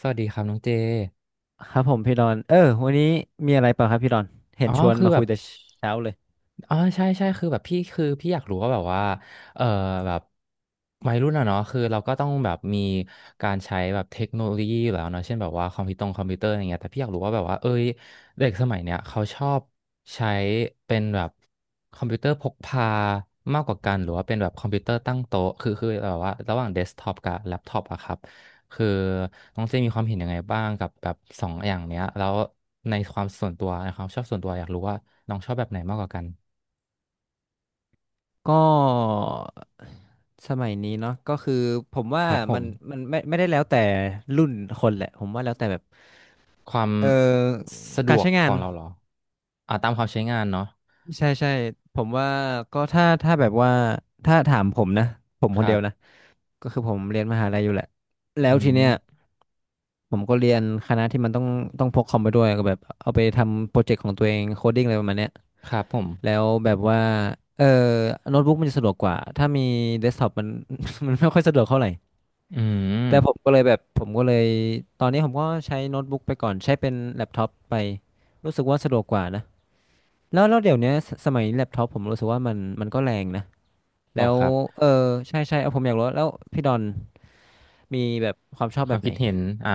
สวัสดีครับน้องเจ ครับผมพี่ดอนวันนี้มีอะไรเปล่าครับพี่ดอนเห็อ๋นอ ชวนคือมาแบคุบ ยแต่เช้าเลยอ๋อใช่ใช่คือแบบพี่คือพี่อยากรู้ว่าแบบว่าเออแบบวัยรุ่นอะเนาะคือเราก็ต้องแบบมีการใช้แบบเทคโนโลยีอยู่แล้วเนาะเช่นแบบว่าคอมพิวเตอร์อะไรเงี้ยแต่พี่อยากรู้ว่าแบบว่าเอ้ยเด็กสมัยเนี้ยเขาชอบใช้เป็นแบบคอมพิวเตอร์พกพามากกว่ากันหรือว่าเป็นแบบคอมพิวเตอร์ตั้งโต๊ะคือแบบว่าระหว่างเดสก์ท็อปกับแล็ปท็อปอะครับคือน้องเจมีความเห็นยังไงบ้างกับแบบสองอย่างเนี้ยแล้วในความส่วนตัวในความชอบส่วนตัวอยากรู้ว่าน้องชอบแบบไหนมากกว่ากัน ก็สมัยนี้เนาะก็คือผมว่าครับผมัมนมันไม่ได้แล้วแต่รุ่นคนแหละผมว่าแล้วแต่แบบความเออสะดการวกใช้ขงาอนงเราเหรออ่าตามความใช้งานเนาะใช่ใช่ผมว่าก็ถ้าแบบว่าถ้าถามผมนะผมคคนรัเดียวนะบก็คือผมเรียนมหาลัยอยู่แหละแล้อืวทีเนี้ยมผมก็เรียนคณะที่มันต้องต้องพกคอมไปด้วยก็แบบเอาไปทำโปรเจกต์ของตัวเองโคดดิ้งอะไรประมาณเนี้ย ครับผมแล้วแบบว่า เออโน้ตบุ๊กมันจะสะดวกกว่า ถ้ามีเดสก์ท็อปมัน มันไม่ค่อยสะดวกเท่าไหร่ อืมแต่ผมก็เลยตอนนี้ผมก็ใช้โน้ตบุ๊กไปก่อน ใช้เป็นแล็ปท็อปไป รู้สึกว่าสะดวกกว่านะ แล้วเดี๋ยวเนี้ยสสมัยนี้แล็ปท็อปผมรู้สึกว่ามันก็แรงนะ หรอแล้วครับเออใช่ใช่เอาผมอยากรู้แล้วพี่ดอนมีแบบความชอบคแบวามบไหคินดเห็นอ่า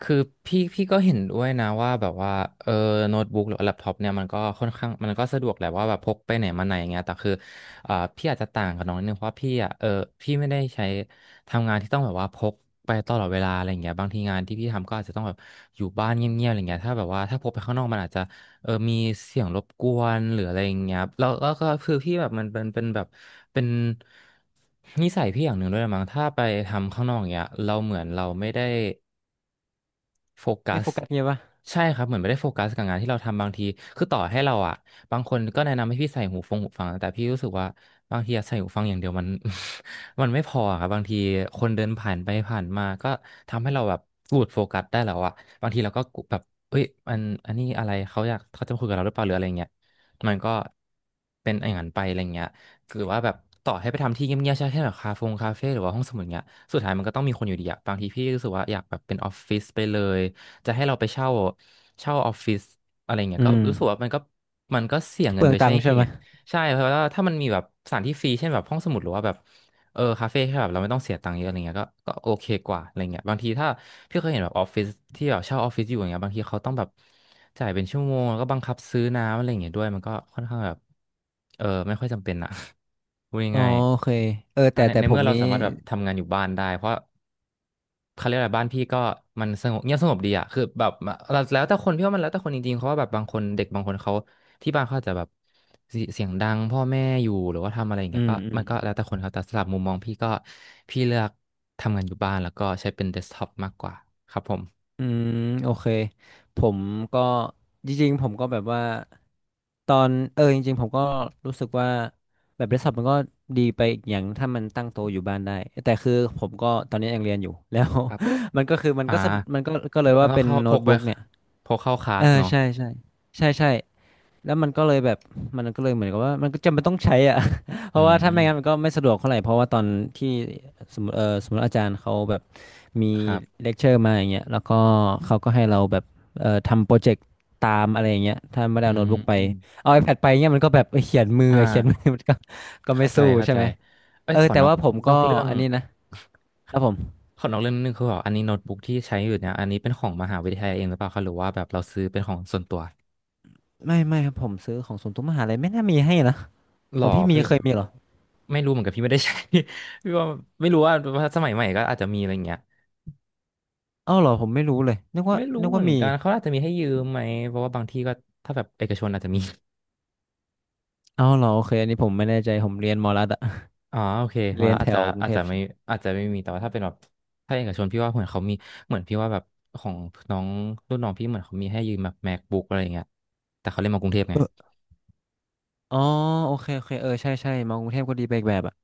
คือพี่ก็เห็นด้วยนะว่าแบบว่าเออโน้ตบุ๊กหรือแล็ปท็อปเนี่ยมันก็ค่อนข้างมันก็สะดวกแหละว่าแบบพกไปไหนมาไหนอย่างเงี้ยแต่คืออ่าพี่อาจจะต่างกับน้องนิดนึงเพราะว่าพี่อ่ะเออพี่ไม่ได้ใช้ทำงานที่ต้องแบบว่าพกไปตลอดเวลาอะไรอย่างเงี้ยบางทีงานที่พี่ทำก็อาจจะต้องแบบอยู่บ้านเงียบๆอะไรเงี้ยถ้าแบบว่าถ้าพกไปข้างนอกมันอาจจะ มีเสียงรบกวนหรืออะไรอย่างเงี้ยครับแล้วก็คือพี่แบบมันเป็นแบบเป็นนิสัยพี่อย่างหนึ่งด้วยมั้งถ้าไปทำข้างนอกอย่างเงี้ย เราเหมือนเราไม่ได้ โฟกัไม่สโฟกัสเงี้ยปะใช่ครับเหมือนไม่ได้โฟกัสกับงานที่เราทำบางทีคือต่อให้เราอ่ะบางคนก็แนะนำให้พี่ใส่หูฟังแต่พี่รู้สึกว่าบางทีอะใส่หูฟังอย่างเดียวมัน มันไม่พออะครับบางทีคนเดินผ่านไปผ่านมาก็ทำให้เราแบบหลุดโฟกัสได้แล้วอ่ะบางทีเราก็แบบเอ้ยมันอันนี้อะไรเขาจะมาคุยกับเราหรือเปล่าหรืออะไรเงี้ยมันก็เป็นอย่างนั้นไปอะไรเงี้ย หรือว่าแบบต่อให้ไปทำที่เงียบๆใช่แค่แบบคาเฟ่หรือว่าห้องสมุดเงี้ยสุดท้ายมันก็ต้องมีคนอยู่ดีอะบางทีพี่รู้สึกว่าอยากแบบเป็นออฟฟิศไปเลยจะให้เราไปเช่าออฟฟิศอะไรเงี้ยอืก็มรู้สึกว่ามันก็เสี่ยงเปเงินลือโดงยตัใช้งค์ใช่เหไหมตุใช่เพราะว่าถ้ามันมีแบบสถานที่ฟรีเช่นแบบห้องสมุดหรือว่าแบบ เออคาเฟ่ที่แบบเราไม่ต้องเสียตังค์เยอะอะไรเงี้ยก็โอเคกว่าอะไรเงี้ยบางทีถ้าพี่เคยเห็นแบบออฟฟิศที่แบบเช่าออฟฟิศอยู่อย่างเงี้ยบางทีเขาต้องแบบจ่ายเป็นชั่วโมงแล้วก็บังคับซื้อน้ำอะไรเงี้ยด้วยมันก็ค่อนข้างแบบเออไม่ค่อยจำเป็นอะ พูดอ๋อง่ายโอเคๆแต่ในแต่ในผเมื่มอเรานี้สามารถแบบทำงานอยู่บ้านได้เพราะเขาเรียกอะไรบ้านพี่ก็มันสงบเงียบสงบดีอะคือแบบเราแล้วแต่คนพี่ว่ามันแล้วแต่คนจริงๆเพราะว่าแบบบางคนเด็กบางคนเขา ที่บ้านเขาอาจจะแบบเสียงดังพ่อแม่อยู่หรือว่าทำอะไรอย่างอืเงี้ยมก็อืมัม นก็แล้วแต่คนครับแต่สำหรับมุมมองพี่ก็พี่เลือกทำงานอยู่บ้านแล้วก็ใช้เป็นเดสก์ท็อปมากกว่าครับผมอืมโอเคผมก็จริงๆผมก็แบบว่าตอนจริงๆผมก็รู้สึกว่าแบบเดสก์ท็อปมันก็ดีไปอีกอย่างถ้ามันตั้งโตะอยู่บ้านได้แต่คือผมก็ตอนนี้ยังเรียนอยู่แล้ว ครับ มันก็คือมันอ่าก็สะมันก็ก็เลยว่าแล้วเป็นเข้าโน้พตกไปบุ๊กเนี่ยพกเข้าคลาเอสอเนาะใช่ใช่ใช่ใช่ แล้วมันก็เลยเหมือนกับว่ามันก็จำเป็นต้องใช้อ่ะ เพอืราะว่ามถ้าไม่งั้นมันก็ไม่สะดวกเท่าไหร่เพราะว่าตอนที่สมมติสมมติอาจารย์เขาแบบมีครับเลคเชอร์มาอย่างเงี้ยแล้วก็เขาก็ให้เราแบบทำโปรเจกต์ตามอะไรอย่างเงี้ยถ้าไม่ได้อืเอาโน้ตมบุ๊กไปอืมเอา iPad ไปเงี้ยมันก็แบบเขียนมือ เขียนมือ่าอ มันก็ไม่เข้าใจสู้เข้าใช่ใจไหมเอ้ยแต่ว่าผมนอก็กเรื่องอันนี้นะครับผมขอนอกเรื่องนิดนึงคือแบบอันนี้โน้ตบุ๊กที่ใช้อยู่เนี่ยอันนี้เป็นของมหาวิทยาลัยเองหรือเปล่าคะหรือว่าแบบเราซื้อเป็นของส่วนตัว ไม่ครับผมซื้อของศูนย์ทุกมหาลัยไม่น่ามีให้นะหขรองอพี่มีพี่เคยมีเหรอไม่รู้เหมือนกันพี่ไม่ได้ใช้ พี่ว่าไม่รู้ว่าสมัยใหม่ก็อาจจะมีอะไรเงี้ยอ้าวเหรอผมไม่รู้เลยนึกว่าไม่รู้นึกเหมืว่าอนมี กันเขาอาจจะมีให้ยืมไหมเพราะว่าบางที่ก็ถ้าแบบเอกชนอาจจะมี เอ้าเหรอโอเคอันนี้ผมไม่แน่ใจผมเรียนมอลัดอะ อ๋อโอเค มาเรียนแล้วแถอาจจะวกรุงอาจเทจะพไม่ใช่อาจจะไม่มีแต่ว่าถ้าเป็นแบบถ้าเอกชนพี่ว่าเหมือนเขามีเหมือนพี่ว่าแบบของน้องรุ่นน้องพี่เหมือนเขามีให้ยืมแบบ MacBook อะไรอย่างเงี้ยแต่เขาเล่นมากรุงเทพไงเอออ๋อโอเคโอเคใช่ใช่มากรุงเทพก็ดีไปอีกแบบอะ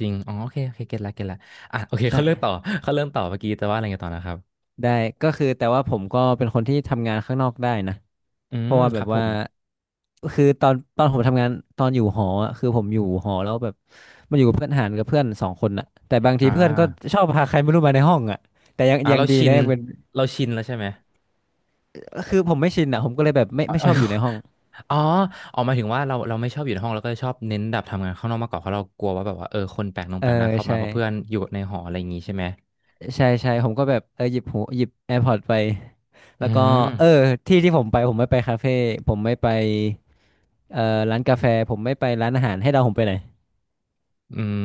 จริงอ๋อโอเคโอเคเก็ตละเก็ตละอ่ะโอเค เขาเริ่มต่อใช่เขาเริ่มต่อเมื่อกี้แต่ว่าอะไรเงี้ยต่อนะครับได้ก็คือแต่ว่าผมก็เป็นคนที่ทำงานข้างนอกได้นะอืเพมราะว่าคแบรับบผว่ามคือตอนผมทำงานตอนอยู่หออะคือผมอยู่หอแล้วแบบมันอยู่กับเพื่อนหารกับเพื่อนสองคนอะแต่บางทีอ่า เพื่อนก็ชอบพาใครไม่รู้มาในห้องอะแต่ยังอ่ายังเราดีชินะนยังเป็นเราชินแล้วใช่ไหมคือผมไม่ชินอะผมก็เลยแบบไม่อ๋ไม่ชออ บ อยู่ในห้องอ๋อออกมายถึงว่าเราไม่ชอบอยู่ในห้องเราก็ชอบเน้นแบบทำงานข้างนอกมากกว่าเพราะเรากลัวว่าแบบว่าเออคนแปลกหน้าเออแปลกหน้าเข้ามาใช่เพราะเพื่อนอยู่ในหออะไรอย่างงี้ใช่ไหมใช่ใช่ผมก็แบบหยิบ AirPods ไป แล้อืวก็เออมที่ผมไปผมไม่ไปคาเฟ่ผมไม่ไปร้านกาแฟผมไม่ไปร้านอาหารให้เดาผมไปไหน อืม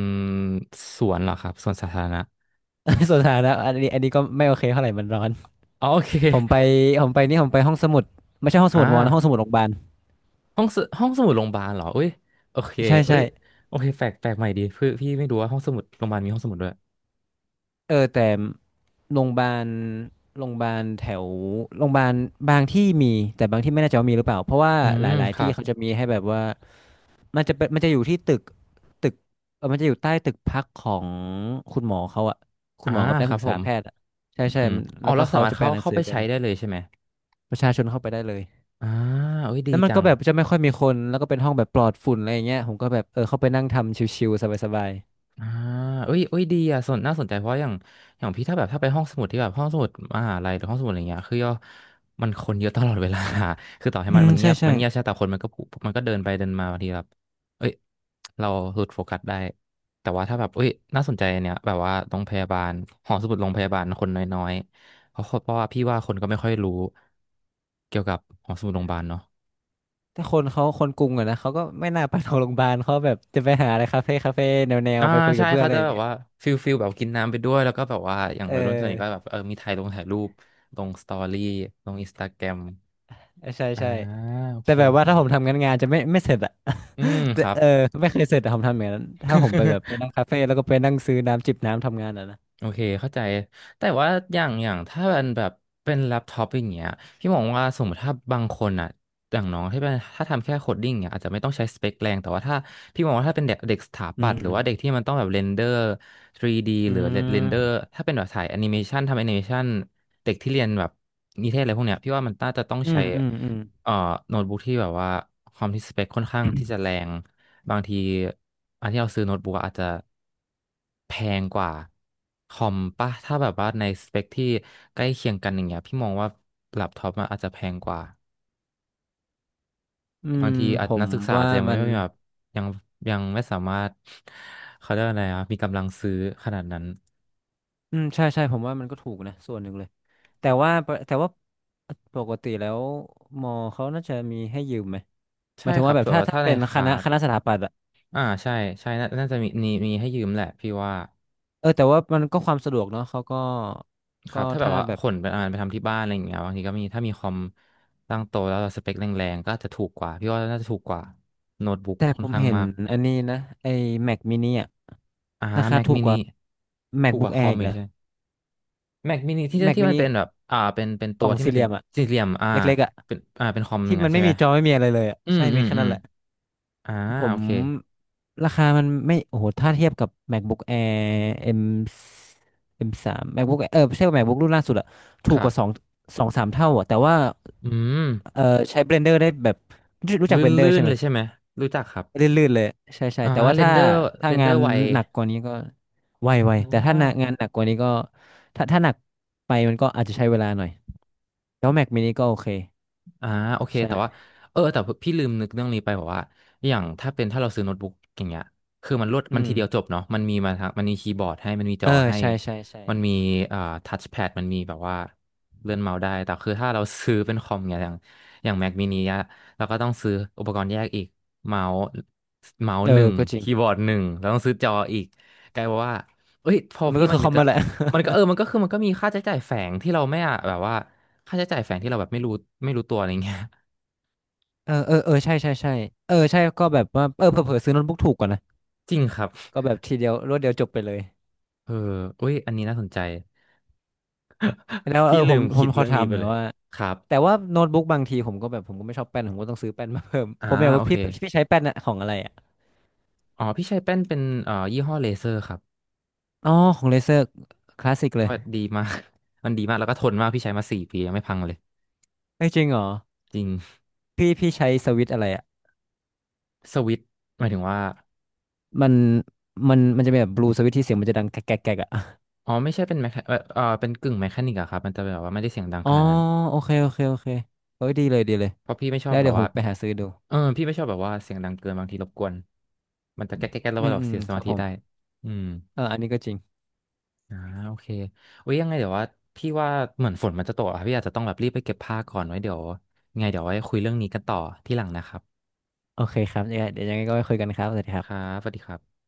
สวนเหรอครับสวนสาธารณะ ส่วนสาธารณะอันนี้ก็ไม่โอเคเท่าไหร่มันร้อนอ๋อโอเคผมไปผมไปนี่ผมไปห้องสมุดไม่ใช่ห้องสอ่ามุดมอนะห้องสมุดโรงพยาบาลห้องสมุดโรงพยาบาลเหรอเอ้ยโอเคใช่เอ้ใช่ยโอเคแปลกใหม่ดีพี่ไม่รู้ว่าห้องสมุดโรงพยาบาลมีห้องสมุดด้วยเออแต่ โรงพยาบาลโรงพยาบาลแถวโรงพยาบาลบางที่มีแต่บางที่ไม่แน่ใจว่ามีหรือเปล่าเพราะว่าอืหมลายคๆรัที่บเขาจะมีให้แบบว่ามันจะอยู่ที่ตึกมันจะอยู่ใต้ตึกพักของคุณหมอเขาอะคุณอ่าหมอกับนัคกรัศึบกผษามแพทย์อะใช่อืใช่มมันอ๋อแล้วก็เราสาเขามารจะถแปลเข้าหนังเข้าสือไปกัใช้นได้เลยใช่ไหมประชาชนเข้าไปได้เลยอ่าเอ้ยดีแล้วมันจัก็ง แบบจะไม่ค่อยมีคนแล้วก็เป็นห้องแบบปลอดฝุ่นอะไรอย่างเงี้ยผมก็แบบเข้าไปนั่งทำชิวๆสบายอ่าเอ้ยดีอ่ะสนน่าสนใจ เพราะอย่างพี่ถ้าแบบถ้าไปห้องสมุดที่แบบห้องสมุดมหาลัยหรือห้องสมุดอะไรเงี้ยคือย่อมันคนเยอะตลอดเวลา คือต่อให้ๆอืมันมมันเงีใช่ยบใช่ มันเงียบใช่แต่คนมันก็ผูมันก็เดินไปเดินมาบางทีแบบเอ้ย เราหลุดโฟกัสได้ แต่ว่าถ้าแบบเอ้ยน่าสนใจอันเนี้ย แบบว่าโรงพยาบาลหอสมุดโรงพยาบาลคนน้อยๆเพราะว่าพี่ว่าคนก็ไม่ค่อยรู้เกี่ยวกับหอสมุดโรงพยาบาลเนาะ แต่คนเขาคนกรุงอะนะเขาก็ไม่น่าไปโรงพยาบาลเขาแบบจะไปหาอะไรคาเฟ่แนวอ่าไปคุยใช่กับเพื่อนเขาอะไรจะอย่างแบบเงี้ยว่าฟิลแบบกินน้ำไปด้วยแล้วก็แบบว่าอย่างเอวัยรุ่นส่วนใหญ่ก็แบอบเออมีถ่ายลงถ่ายรูปลงสตอรี่ลงอินสตาแกรมใช่อ่าใช่โอแต่เคแบบโอว่าเคถ้าผมทำงานงานจะไม่เสร็จอะ อืม แต่ครับ ไม่เคยเสร็จอะผมทำอย่างนั้นถ้าผมไปแบบไป นั่งคาเฟ่แล้วก็ไปนั่งซื้อน้ำจิบน้ำทำงานอะนะโอเคเข้าใจ แต่ว่าอย่างถ้ามันแบบเป็นแล็ปท็อปอย่างเงี้ยพี่มองว่าสมมติถ้าบางคนอ่ะอย่างน้องที่เป็นถ้าทำแค่โคดดิ้งเนี่ยอาจจะไม่ต้องใช้สเปคแรงแต่ว่าถ้าพี่มองว่าถ้าเป็นเด็กเด็กสถาอืปัตมย์หรือือมว่าเด็กที่มันต้องแบบเรนเดอร์ 3D อหรือเรนเดอืร์ถ้าเป็นแบบสายแอนิเมชันทำแอนิเมชันเด็กที่เรียนแบบนิเทศอะไรพวกเนี้ยพี่ว่ามันน่าจะต้องมอืใช้ มอืมเอ่อโน้ตบุ๊กที่แบบว่าความที่สเปคค่อนข้างที่จะแรงบางทีอันที่เราซื้อโน้ตบุ๊กอะอาจจะแพงกว่าคอมป่ะถ้าแบบว่าในสเปคที่ใกล้เคียงกันอย่างเงี้ยพี่มองว่าแล็ปท็อปมันอาจจะแพงกว่าอืบางมทีอาผจนัมกศึกษาอาว่าจจะยังไม่มันแบบยังยังไม่สามารถ เขาเรียกว่าอะไรอะมีกำลังซื้อขนาดนั้นอืมใช่ใช่ผมว่ามันก็ถูกนะส่วนหนึ่งเลยแต่ว่าปกติแล้วมอเขาน่าจะมีให้ยืมไหม หมาใช่ยถึงครัว่าบแบบแต่ถ้าว่าถ้าถ้าในเป็นคคลาณะสคณะสถาปัตย์อะอ่าใช่น่าจะมีให้ยืมแหละพี่ว่า เออแต่ว่ามันก็ความสะดวกเนาะเขาก็คก็รับถ้าแบบถ้าว่าแบขบนไปอ่านไปทำที่บ้านอะไรอย่างเงี้ยบางทีก็มีถ้ามีคอมตั้งโตะแล้วสเปคแรงๆก็อาจจะถูกกว่าพี่ว่าน่าจะถูกกว่าโน้ตบุ๊กแต่ค่อผนมข้างเห็นมากอันนี้นะไอ้ Mac mini อะอ่า ราคา Mac ถูกก mini ว่า ถูกก MacBook ว่าคอ Air มอีกอีกนะ ใช่ไหม Mac mini ที่ Mac ที่มันเป็น mini แบบอ่าเป็นกตัล่วองที่สี่มันเหเป็ลี่นยมอะสี่เหลี่ยมอ่าเล็กๆอะเป็นอ่าเป็นคอมอที่ย่างมันั้นนไม่ใช่ไหมมีจอไม่มีอะไรเลยอะอืมใช่อืมีมแค่อืนั้มนแหละ อ่าผโอมเคราคามันไม่โอ้โหถ้าเทียบกับ MacBook Air M M สาม ไม่ใช่ว่า MacBook รุ่นล่าสุดอะคถูกรักว่าสองบสองสามเท่าอะแต่ว่าอืมเออใช้ Blender ได้แบบรู้จัก Blender ลื่นใช่ๆไหมเลยใช่ไหมรู้จักครับลื่นๆเลยใช่ใช่อ่าแต่ว่าเรนถ้าเดอร์ถ้าเรนเดงาอนร์ไวหนักกว่านี้ก็ไวไวอแต่ถ้า่า หนักงานหนักกว่านี้ก็ถ้าหนักไปมันก็อาจจะใช้เวลาหน่อยแล้ว Mac mini ก็โอเคอ่าโอเคแต่ว่าใช่เออแต่พี่ลืมนึกเรื่องนี้ไปบอกว่าอย่างถ้าเป็นถ้าเราซื้อโน้ตบุ๊กอย่างเงี้ยคือมันรวดมันอืมทีเดียวจบเนาะมันมีมาทั้งมันมีคีย์บอร์ดให้มันมีจเอออให้ใช่ใช่ใช่มันมีอ่าทัชแพดมันมีแบบว่าเลื่อนเมาส์ได้แต่คือถ้าเราซื้อเป็นคอมเงียอย่างอย่าง Mac mini อะเราก็ต้องซื้ออุปกรณ์แยกอีกเมาส์หนึ่งก็จริงคีย์บอร์ดหนึ่งแล้วต้องซื้อจออีกกลายเป็นว่าเอ้ยพอมันพี่ก็มัคืนอคนึอกมมาอะแหละ มันก็เออมันก็คือมันก็มีค่าใช้จ่ายแฝงที่เราไม่อะแบบว่า ค่าใช้จ่ายแฝงที่เราแบบไม่รู้ไม่รู้ตัวอะไรเงี้ย เออใช่ใช่ก็แบบว่าเผลอๆซื้อโน้ตบุ๊กถูกกว่านะ จริงครับก็แบบทีเดียวรวดเดียวจบไปเลยเอออุ้ยอันนี้น่าสนใจ แล้ วพี่ลืผมมผคิมดขอเรื่องถานี้มไปหน่อเลยยว่าครับแต่ว่าโน้ตบุ๊กบางทีผมก็ไม่ชอบแป้นผมก็ต้องซื้อแป้นมาเพิ่ม อ่า ผมอยากโอว่าเคพี่ใช้แป้นอะของอะไรอะอ๋อพี่ใช้แป้นเป็นยี่ห้อเลเซอร์ครับอ๋อของเลเซอร์คลาสสิกพี่เลยว่าดีมาก มันดีมากแล้วก็ทนมากพี่ใช้มา4 ปียังไม่พังเลยไม่จริงเหรอจริงพี่ใช้สวิตช์อะไรอะสวิตช์หมายถึงว่ามันมันจะเป็นแบบบลูสวิตช์ที่เสียงมันจะดังแกรกแกรกแกรกอะ อ๋อไม่ใช่เป็นแมคเป็นกึ่งแมคานิกอะครับมันจะแบบว่าไม่ได้เสียงดังอ๋ขอนาดนั้นโอเคเอ้ยดีเลยเพราะพี่ไม่ชอแล้บวแบเดี๋บยวผว่ามไปหาซื้อดูเออพี่ไม่ชอบแบบว่าเสียงดังเกินบางทีรบกวนมันจะแก๊กแก๊กแล้วอืก็มแบบอืเสีมยสคมารับธิผมได้อืม เอออันนี้ก็จริง อ่าโอเคอุ้ยยังไงเดี๋ยวว่าพี่ว่าเหมือนฝนมันจะตกอะพี่อาจจะต้องแบบรีบไปเก็บผ้าก่อนไว้เดี๋ยวยังไงเดี๋ยวไว้คุยเรื่องนี้กันต่อที่หลังนะครับโอเคครับเนี่ยังไงเดี๋ยวยังไงก็ไปคุยกันครับ สวัสดีคครัรับบสวัสดีครับ